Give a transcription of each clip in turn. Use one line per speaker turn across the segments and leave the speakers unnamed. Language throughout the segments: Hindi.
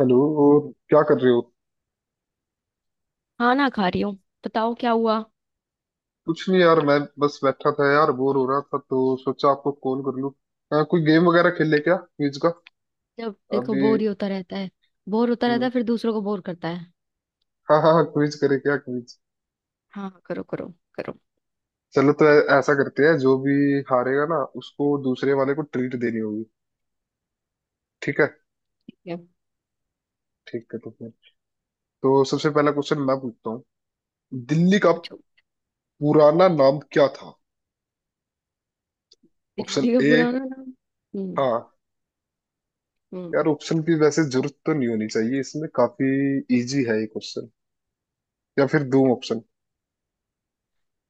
हेलो। और क्या कर रहे हो।
हाँ ना खा रही हूँ। बताओ क्या हुआ।
कुछ नहीं यार, मैं बस बैठा था यार, बोर हो रहा था तो सोचा आपको कॉल कर लूं। कोई गेम वगैरह खेल ले क्या, क्विज का।
जब देखो
अभी।
बोर ही होता रहता है। बोर होता रहता
हम्म,
है फिर दूसरों को बोर करता है।
हाँ हाँ हाँ, क्विज करे क्या, क्विज।
हाँ करो करो। करो।
चलो तो ऐसा करते हैं जो भी हारेगा ना, उसको दूसरे वाले को ट्रीट देनी होगी। ठीक है।
ठीक है।
ठीक है तो फिर तो सबसे पहला क्वेश्चन मैं पूछता हूँ। दिल्ली का
पूछो
पुराना नाम क्या था। ऑप्शन
दिल्ली का
ए।
पुराना नाम। हम्म
हाँ
हम्म
यार, ऑप्शन की वैसे जरूरत तो नहीं होनी चाहिए इसमें, काफी इजी है ये क्वेश्चन। या फिर दो ऑप्शन।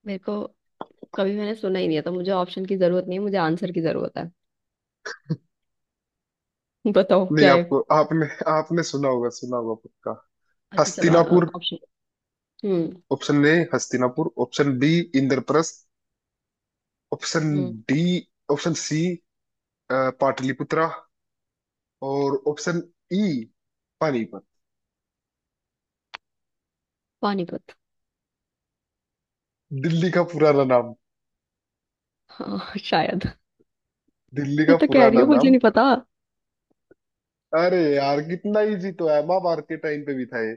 मेरे को कभी मैंने सुना ही नहीं है तो मुझे ऑप्शन की जरूरत नहीं है मुझे आंसर की जरूरत है। बताओ
नहीं
क्या है।
आपको, आपने आपने सुना होगा, सुना होगा पक्का।
अच्छा चलो।
हस्तिनापुर।
ऑप्शन हम्म
option A Hastinapur, option B Indraprastha, option
हम्म
डी, ऑप्शन सी पाटलिपुत्रा, और ऑप्शन ई पानीपत।
पानीपत।
दिल्ली का पुराना नाम।
हाँ शायद।
दिल्ली
मैं
का
तो कह रही
पुराना
हूँ मुझे
नाम।
नहीं पता।
अरे यार, कितना इजी तो है, महाभारत के टाइम पे भी था ये।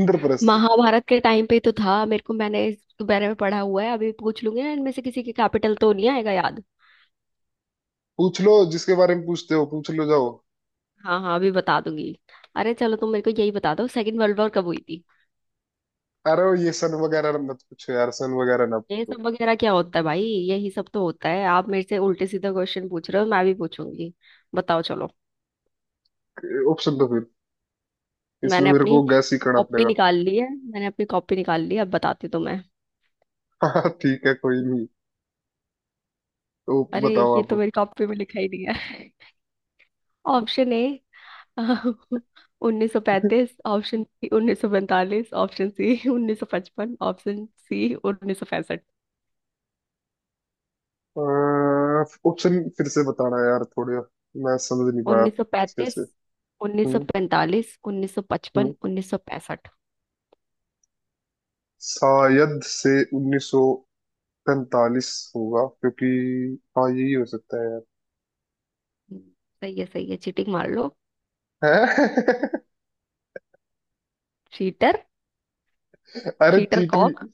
इंद्रप्रस्थ।
महाभारत के टाइम पे तो था मेरे को, मैंने इस बारे में पढ़ा हुआ है, अभी पूछ लूंगी ना इनमें से किसी के कैपिटल तो नहीं आएगा याद।
पूछ लो जिसके बारे में पूछते हो, पूछ लो जाओ।
हाँ हाँ अभी बता दूंगी। अरे चलो तुम मेरे को यही बता दो, सेकंड वर्ल्ड वॉर कब हुई थी।
अरे वो ये सन वगैरह मत पूछो यार, सन वगैरह ना
ये
पूछो।
सब वगैरह क्या होता है भाई। यही सब तो होता है, आप मेरे से उल्टे सीधे क्वेश्चन पूछ रहे हो मैं भी पूछूंगी। बताओ चलो।
ऑप्शन तो फिर इसमें
मैंने
मेरे
अपनी
को गैस ही करना
कॉपी
पड़ेगा।
निकाल ली है, मैंने अपनी कॉपी निकाल ली है, अब बताती हूँ तुम्हें।
हाँ ठीक है, कोई नहीं। तो
अरे
बताओ
ये तो
आप।
मेरी कॉपी में लिखा ही नहीं है। ऑप्शन ए उन्नीस सौ पैंतीस, option B 1945, option C 1955, option C 1965।
Option फिर से बताना यार थोड़े, मैं समझ नहीं पाया
उन्नीस सौ
अच्छे
पैंतीस
से।
उन्नीस सौ
हम्म
पैंतालीस उन्नीस सौ
हम्म
पचपन 1965।
शायद से 1945 होगा क्योंकि, हाँ यही हो सकता है यार।
सही है सही है, चीटिंग मार लो। चीटर।
हैं? अरे
चीटर
चीटर।
कॉक।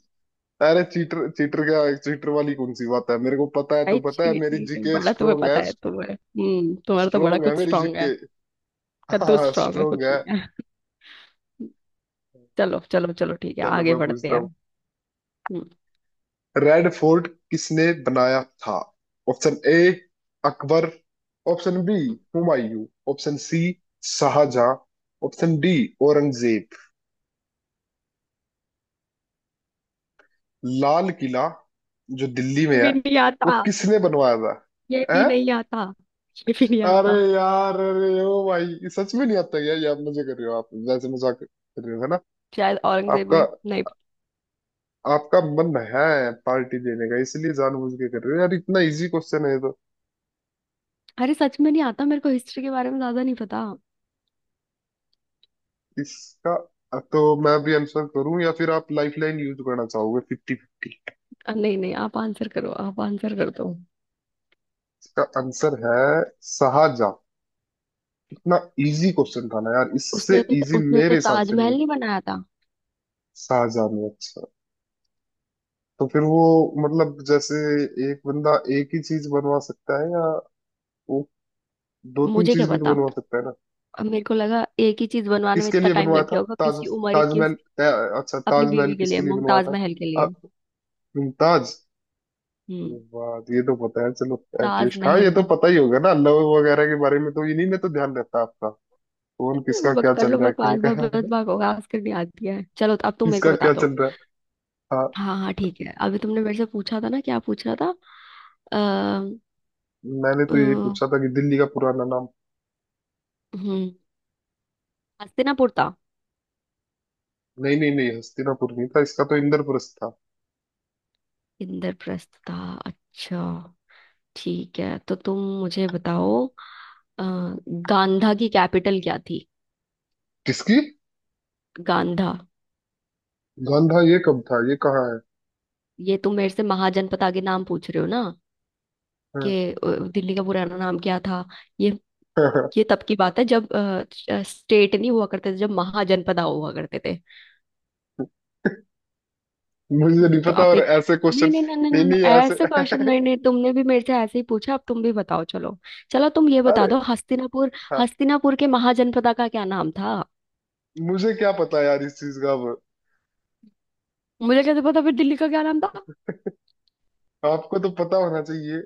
अरे, चीटर चीटर क्या, चीटर वाली कौन सी बात है, मेरे को पता है तो
भाई
पता है, मेरी
चीटिंग
जीके
बड़ा तुम्हें
स्ट्रोंग है।
पता है तुम्हें, तुम्हारा तो बड़ा
स्ट्रोंग है
कुछ
मेरी
स्ट्रांग है।
जीके।
कद्दू
हाँ
स्ट्रांग है,
स्ट्रोंग
कुछ
है।
नहीं है। चलो चलो चलो, ठीक है
चलो
आगे
मैं
बढ़ते
पूछता।
हैं। हम्म।
रेड फोर्ट किसने बनाया था। Option A Akbar, option B
हम्म।
Humayun, option C Shahjahan, option D Aurangzeb. लाल किला जो दिल्ली में
ये
है,
भी नहीं
वो
आता।
किसने बनवाया था।
ये भी
हैं?
नहीं आता। ये भी नहीं
अरे
आता।
यार, अरे ओ भाई, ये सच में नहीं आता यार, ये आप मजे कर रहे हो, आप वैसे मजाक कर रहे हो है ना।
शायद औरंगजेब
आपका
ने नहीं।
आपका मन है पार्टी देने का, इसलिए जानबूझ के कर रहे हो यार, इतना इजी क्वेश्चन है
अरे सच में नहीं आता मेरे को, हिस्ट्री के बारे में ज्यादा नहीं पता।
इसका। तो मैं भी आंसर करूं या फिर आप लाइफलाइन यूज करना चाहोगे, फिफ्टी फिफ्टी।
नहीं नहीं आप आंसर करो, आप आंसर कर दो।
इसका आंसर है शाहजहां। इतना इजी क्वेश्चन था ना यार,
उसने
इससे
तो
इजी
उसने
मेरे
तो
हिसाब से
ताजमहल
नहीं।
नहीं बनाया था।
शाहजहां में अच्छा, तो फिर वो मतलब जैसे एक बंदा एक ही चीज बनवा सकता है, या वो दो तीन
मुझे क्या
चीज भी तो
पता।
बनवा सकता है ना।
अब मेरे को लगा एक ही चीज बनवाने में
किसके
इतना
लिए
टाइम
बनवाया
लग गया
था
होगा कि
ताज,
उसकी उम्र ही की
ताजमहल।
उस,
अच्छा,
अपनी
ताजमहल
बीवी के लिए,
किसके लिए बनवाया
मुमताज
था।
महल के
अ,
लिए।
मुमताज। ये
हम्म।
बात ये तो पता है चलो, एटलीस्ट हाँ ये
ताजमहल।
तो पता ही होगा ना, लव वगैरह के बारे में तो इन्हीं में तो ध्यान रहता है आपका, कौन किसका
बक
क्या
कर
चल
लो
रहा है,
बकवास, बस बस
किसका
बकवास करनी आती है, चलो अब तुम मेरे को
किसका
बता
क्या
दो।
चल रहा है। हाँ,
हाँ हाँ ठीक है, अभी तुमने मेरे से पूछा था ना, क्या पूछ रहा था। अः
मैंने तो यही
हम्म
पूछा था कि दिल्ली का पुराना नाम।
हस्तिनापुर था।
नहीं नहीं नहीं हस्तिनापुर नहीं था, इसका तो इंद्रप्रस्थ था।
इंद्रप्रस्थ था। अच्छा। ठीक है, तो तुम मुझे बताओ गांधा की कैपिटल क्या थी।
किसकी।
गांधा।
गांधा, ये कब था, ये कहाँ है।
ये तुम मेरे से महाजनपद के नाम पूछ रहे हो ना, कि
हाँ,
दिल्ली का पुराना नाम क्या था। ये ये तब की बात है जब स्टेट नहीं हुआ करते थे, जब महाजनपद हुआ करते थे।
मुझे नहीं
तो
पता,
आप
और
एक,
ऐसे
नहीं
क्वेश्चन।
नहीं नहीं नहीं
नहीं
नहीं नहीं,
नहीं ऐसे
ऐसे क्वेश्चन, नहीं नहीं, तुमने भी मेरे से ऐसे ही पूछा अब तुम भी बताओ चलो। चलो तुम ये बता
अरे
दो, हस्तिनापुर,
हाँ,
हस्तिनापुर के महाजनपदा का क्या नाम था।
मुझे क्या पता यार इस चीज का अब।
मुझे कैसे पता फिर दिल्ली का क्या नाम था।
आपको तो पता होना चाहिए,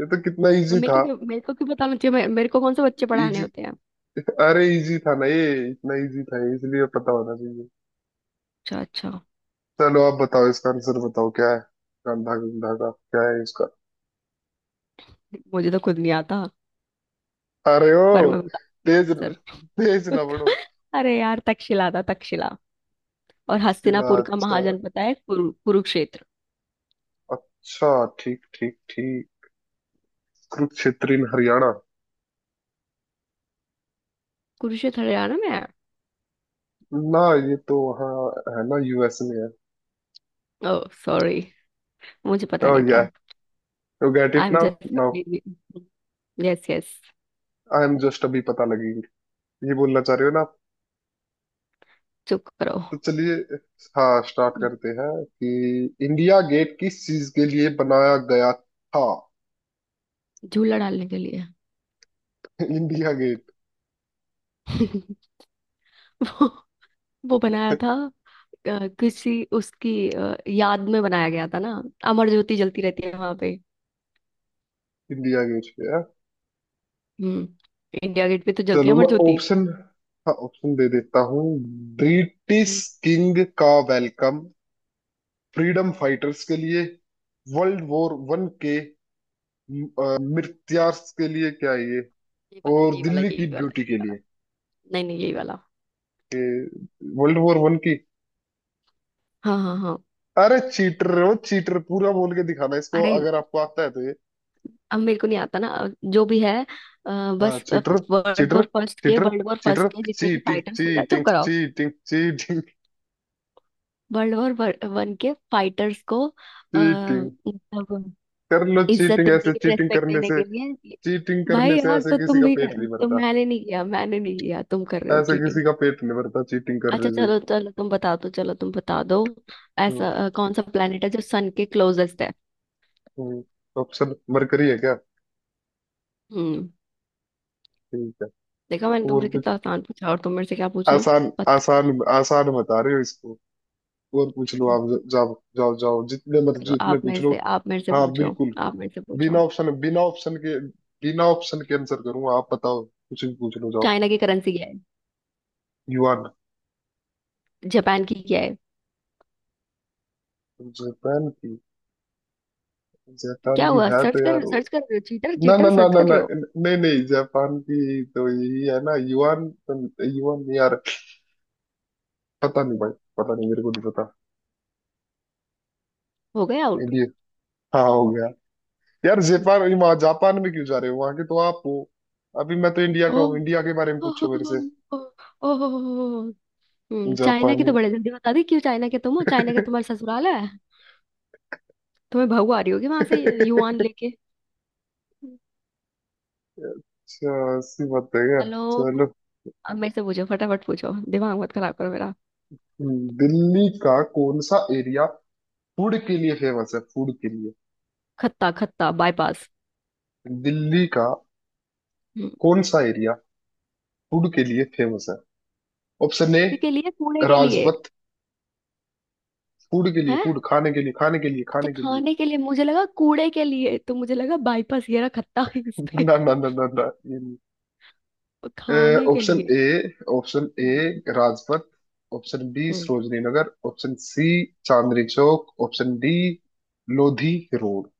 ये तो कितना इजी
मेरे को
था।
क्यों, मेरे को क्यों बताना चाहिए, मेरे को कौन से बच्चे पढ़ाने
इजी,
होते हैं।
अरे इजी था ना ये, इतना इजी था ये, इसलिए पता होना चाहिए।
अच्छा अच्छा।
चलो आप बताओ इसका आंसर बताओ क्या है। गंधा, गंधा का क्या है इसका।
मुझे तो खुद नहीं आता,
अरे
पर
ओ,
मैं बताती हूँ
तेज तेज
आंसर।
ना बढ़ो।
अरे यार, तक्षशिला था तक्षशिला। और
सीधा
हस्तिनापुर का
अच्छा,
महाजन पता है, कुरुक्षेत्र।
अच्छा, ठीक ठीक ठीक। कुरुक्षेत्र in हरियाणा
कुरुक्षेत्र हरियाणा में है।
ना, ये तो वहाँ है ना, यूएस में है।
ओह सॉरी, मुझे पता
ओह
नहीं
या,
था।
You get
I
it
am
now, now
just, yes yes,
I am just अभी पता लगी ये बोलना चाह रहे हो ना।
चुप करो।
तो चलिए, हाँ स्टार्ट करते हैं कि इंडिया गेट किस चीज के लिए बनाया गया था।
झूला डालने के लिए।
इंडिया गेट,
वो वो बनाया था किसी उसकी याद में बनाया गया था ना, अमर ज्योति जलती रहती है वहां पे।
इंडिया गेट पे है।
हम्म। इंडिया गेट पे तो जलती है
चलो
अमर
मैं
ज्योति।
ऑप्शन, हाँ ऑप्शन दे देता हूँ। ब्रिटिश
हम्म,
किंग का वेलकम, फ्रीडम फाइटर्स के लिए, वर्ल्ड वॉर वन के मृत्यार्स के लिए क्या ये,
ये वाला,
और
यही वाला,
दिल्ली
यही
की
वाला,
ब्यूटी
यही
के
वाला।
लिए।
नहीं नहीं, यही वाला।
वर्ल्ड वॉर वन की।
हाँ हाँ हाँ।
अरे चीटर हो चीटर, पूरा बोल के दिखाना इसको
अरे
अगर आपको आता है तो।
अब मेरे को नहीं आता ना, जो भी है,
हाँ
बस।
Cheater, cheater, cheater,
world war first
cheater,
के जितने भी
चीटिंग
फाइटर्स थे ना, चुप
चीटिंग
कराओ।
Cheating cheating.
World war one के फाइटर्स को
चीटिंग
मतलब
कर लो,
इज्जत
चीटिंग,
देने
ऐसे
के लिए,
चीटिंग
रेस्पेक्ट
करने
देने
से,
के लिए।
चीटिंग
भाई
करने से
यार
ऐसे
तो
किसी
तुम
का
भी
पेट
कर,
नहीं
तुम,
भरता,
मैंने नहीं किया, मैंने नहीं किया, तुम कर रहे हो
ऐसे
चीटिंग।
किसी का पेट नहीं भरता चीटिंग
अच्छा
करने से।
चलो चलो तुम बता दो, चलो तुम बता दो, ऐसा कौन सा प्लेनेट है जो सन के क्लोजेस्ट है।
ऑप्शन मरकरी है क्या।
हम्म।
ठीक है,
देखा, मैंने
और
तुमसे कितना
कुछ।
आसान पूछा और तुम मेरे से क्या पूछ रहे हो।
आसान
पता।
आसान आसान बता रहे हो इसको, और पूछ लो, आप जाओ जाओ जाओ, जितने
चलो
मर्जी उतने
आप
पूछ
मेरे
लो।
से, आप मेरे से
हाँ
पूछो,
बिल्कुल,
आप मेरे से पूछो।
बिना ऑप्शन के, बिना ऑप्शन के आंसर करूंगा, आप बताओ कुछ भी पूछ लो जाओ।
चाइना की करेंसी क्या है।
युआन।
जापान की क्या है।
जापान की, जापान
क्या
की
हुआ,
है
सर्च
तो
कर रहे
यार
हो, सर्च कर रहे हो, चीटर
ना ना
चीटर,
ना
सर्च
ना
कर
ना,
रहे हो।
नहीं नहीं जापान की तो यही है ना युआन युआन नहीं यार, पता नहीं भाई, पता नहीं, मेरे को नहीं पता।
हो गए आउट।
इंडिया, हाँ हो गया। यार जापान, वहाँ जापान में क्यों जा रहे हो, वहां के तो आप हो, अभी मैं तो इंडिया का
ओ।
हूँ, इंडिया के बारे में पूछो मेरे से।
ओह। चाइना की
जापानी
तो बड़े जल्दी बता दी, क्यों, चाइना के तुम हो, चाइना के तुम्हारा ससुराल है, तुम्हें बहू आ रही होगी वहां से युआन
अच्छा,
लेके।
ऐसी बात है क्या।
चलो
चलो।
अब मेरे से पूछो, फटाफट पूछो, दिमाग मत खराब करो मेरा।
दिल्ली का कौन सा एरिया फूड के लिए फेमस है, फूड के लिए,
खत्ता खत्ता बाईपास।
दिल्ली का
हम्म
कौन सा एरिया फूड के लिए फेमस है। ऑप्शन ए
के लिए, कूड़े के लिए
राजपथ, फूड के लिए,
है।
फूड खाने के लिए, खाने के लिए,
अच्छा
खाने के लिए।
खाने के लिए, मुझे लगा कूड़े के लिए, तो मुझे लगा बाईपास ये रहा खत्ता है इस पे।
ना ना ना ना ना, ये नहीं।
और खाने के
ऑप्शन
लिए।
A, option A
hmm,
Rajpath, option B
hmm
Sarojini Nagar, option C Chandni Chowk, option D Lodhi road.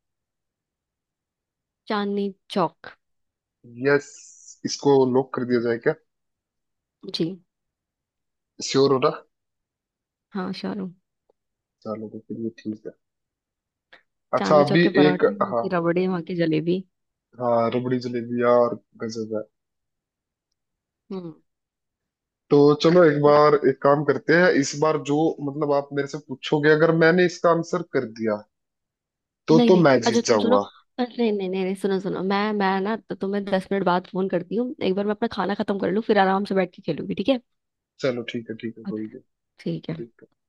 Chandni Chowk.
Yes, इसको लॉक कर दिया जाए क्या,
जी।
श्योर हो ना।
हाँ शाहरुख।
चलो तो फिर ये ठीक है। अच्छा
चांदनी चौक
अभी
के
एक,
पराठे, वहाँ की
हाँ
रबड़ी, वहाँ की जलेबी।
हाँ, रबड़ी जलेबी और गजब।
हम्म।
तो चलो एक बार
मैं-,
एक काम करते हैं, इस बार जो मतलब आप मेरे से पूछोगे, अगर मैंने इसका आंसर कर दिया तो
नहीं
तो
नहीं,
मैं
अच्छा
जीत
तुम सुनो,
जाऊंगा।
नहीं नहीं नहीं नहीं, सुनो सुनो, मैं ना, तो तुम्हें 10 मिनट बाद फोन करती हूँ, एक बार मैं अपना खाना खत्म कर लूँ फिर आराम से बैठ के खेलूंगी, ठीक है।
चलो ठीक है, ठीक है कोई नहीं,
ठीक है।
ठीक है।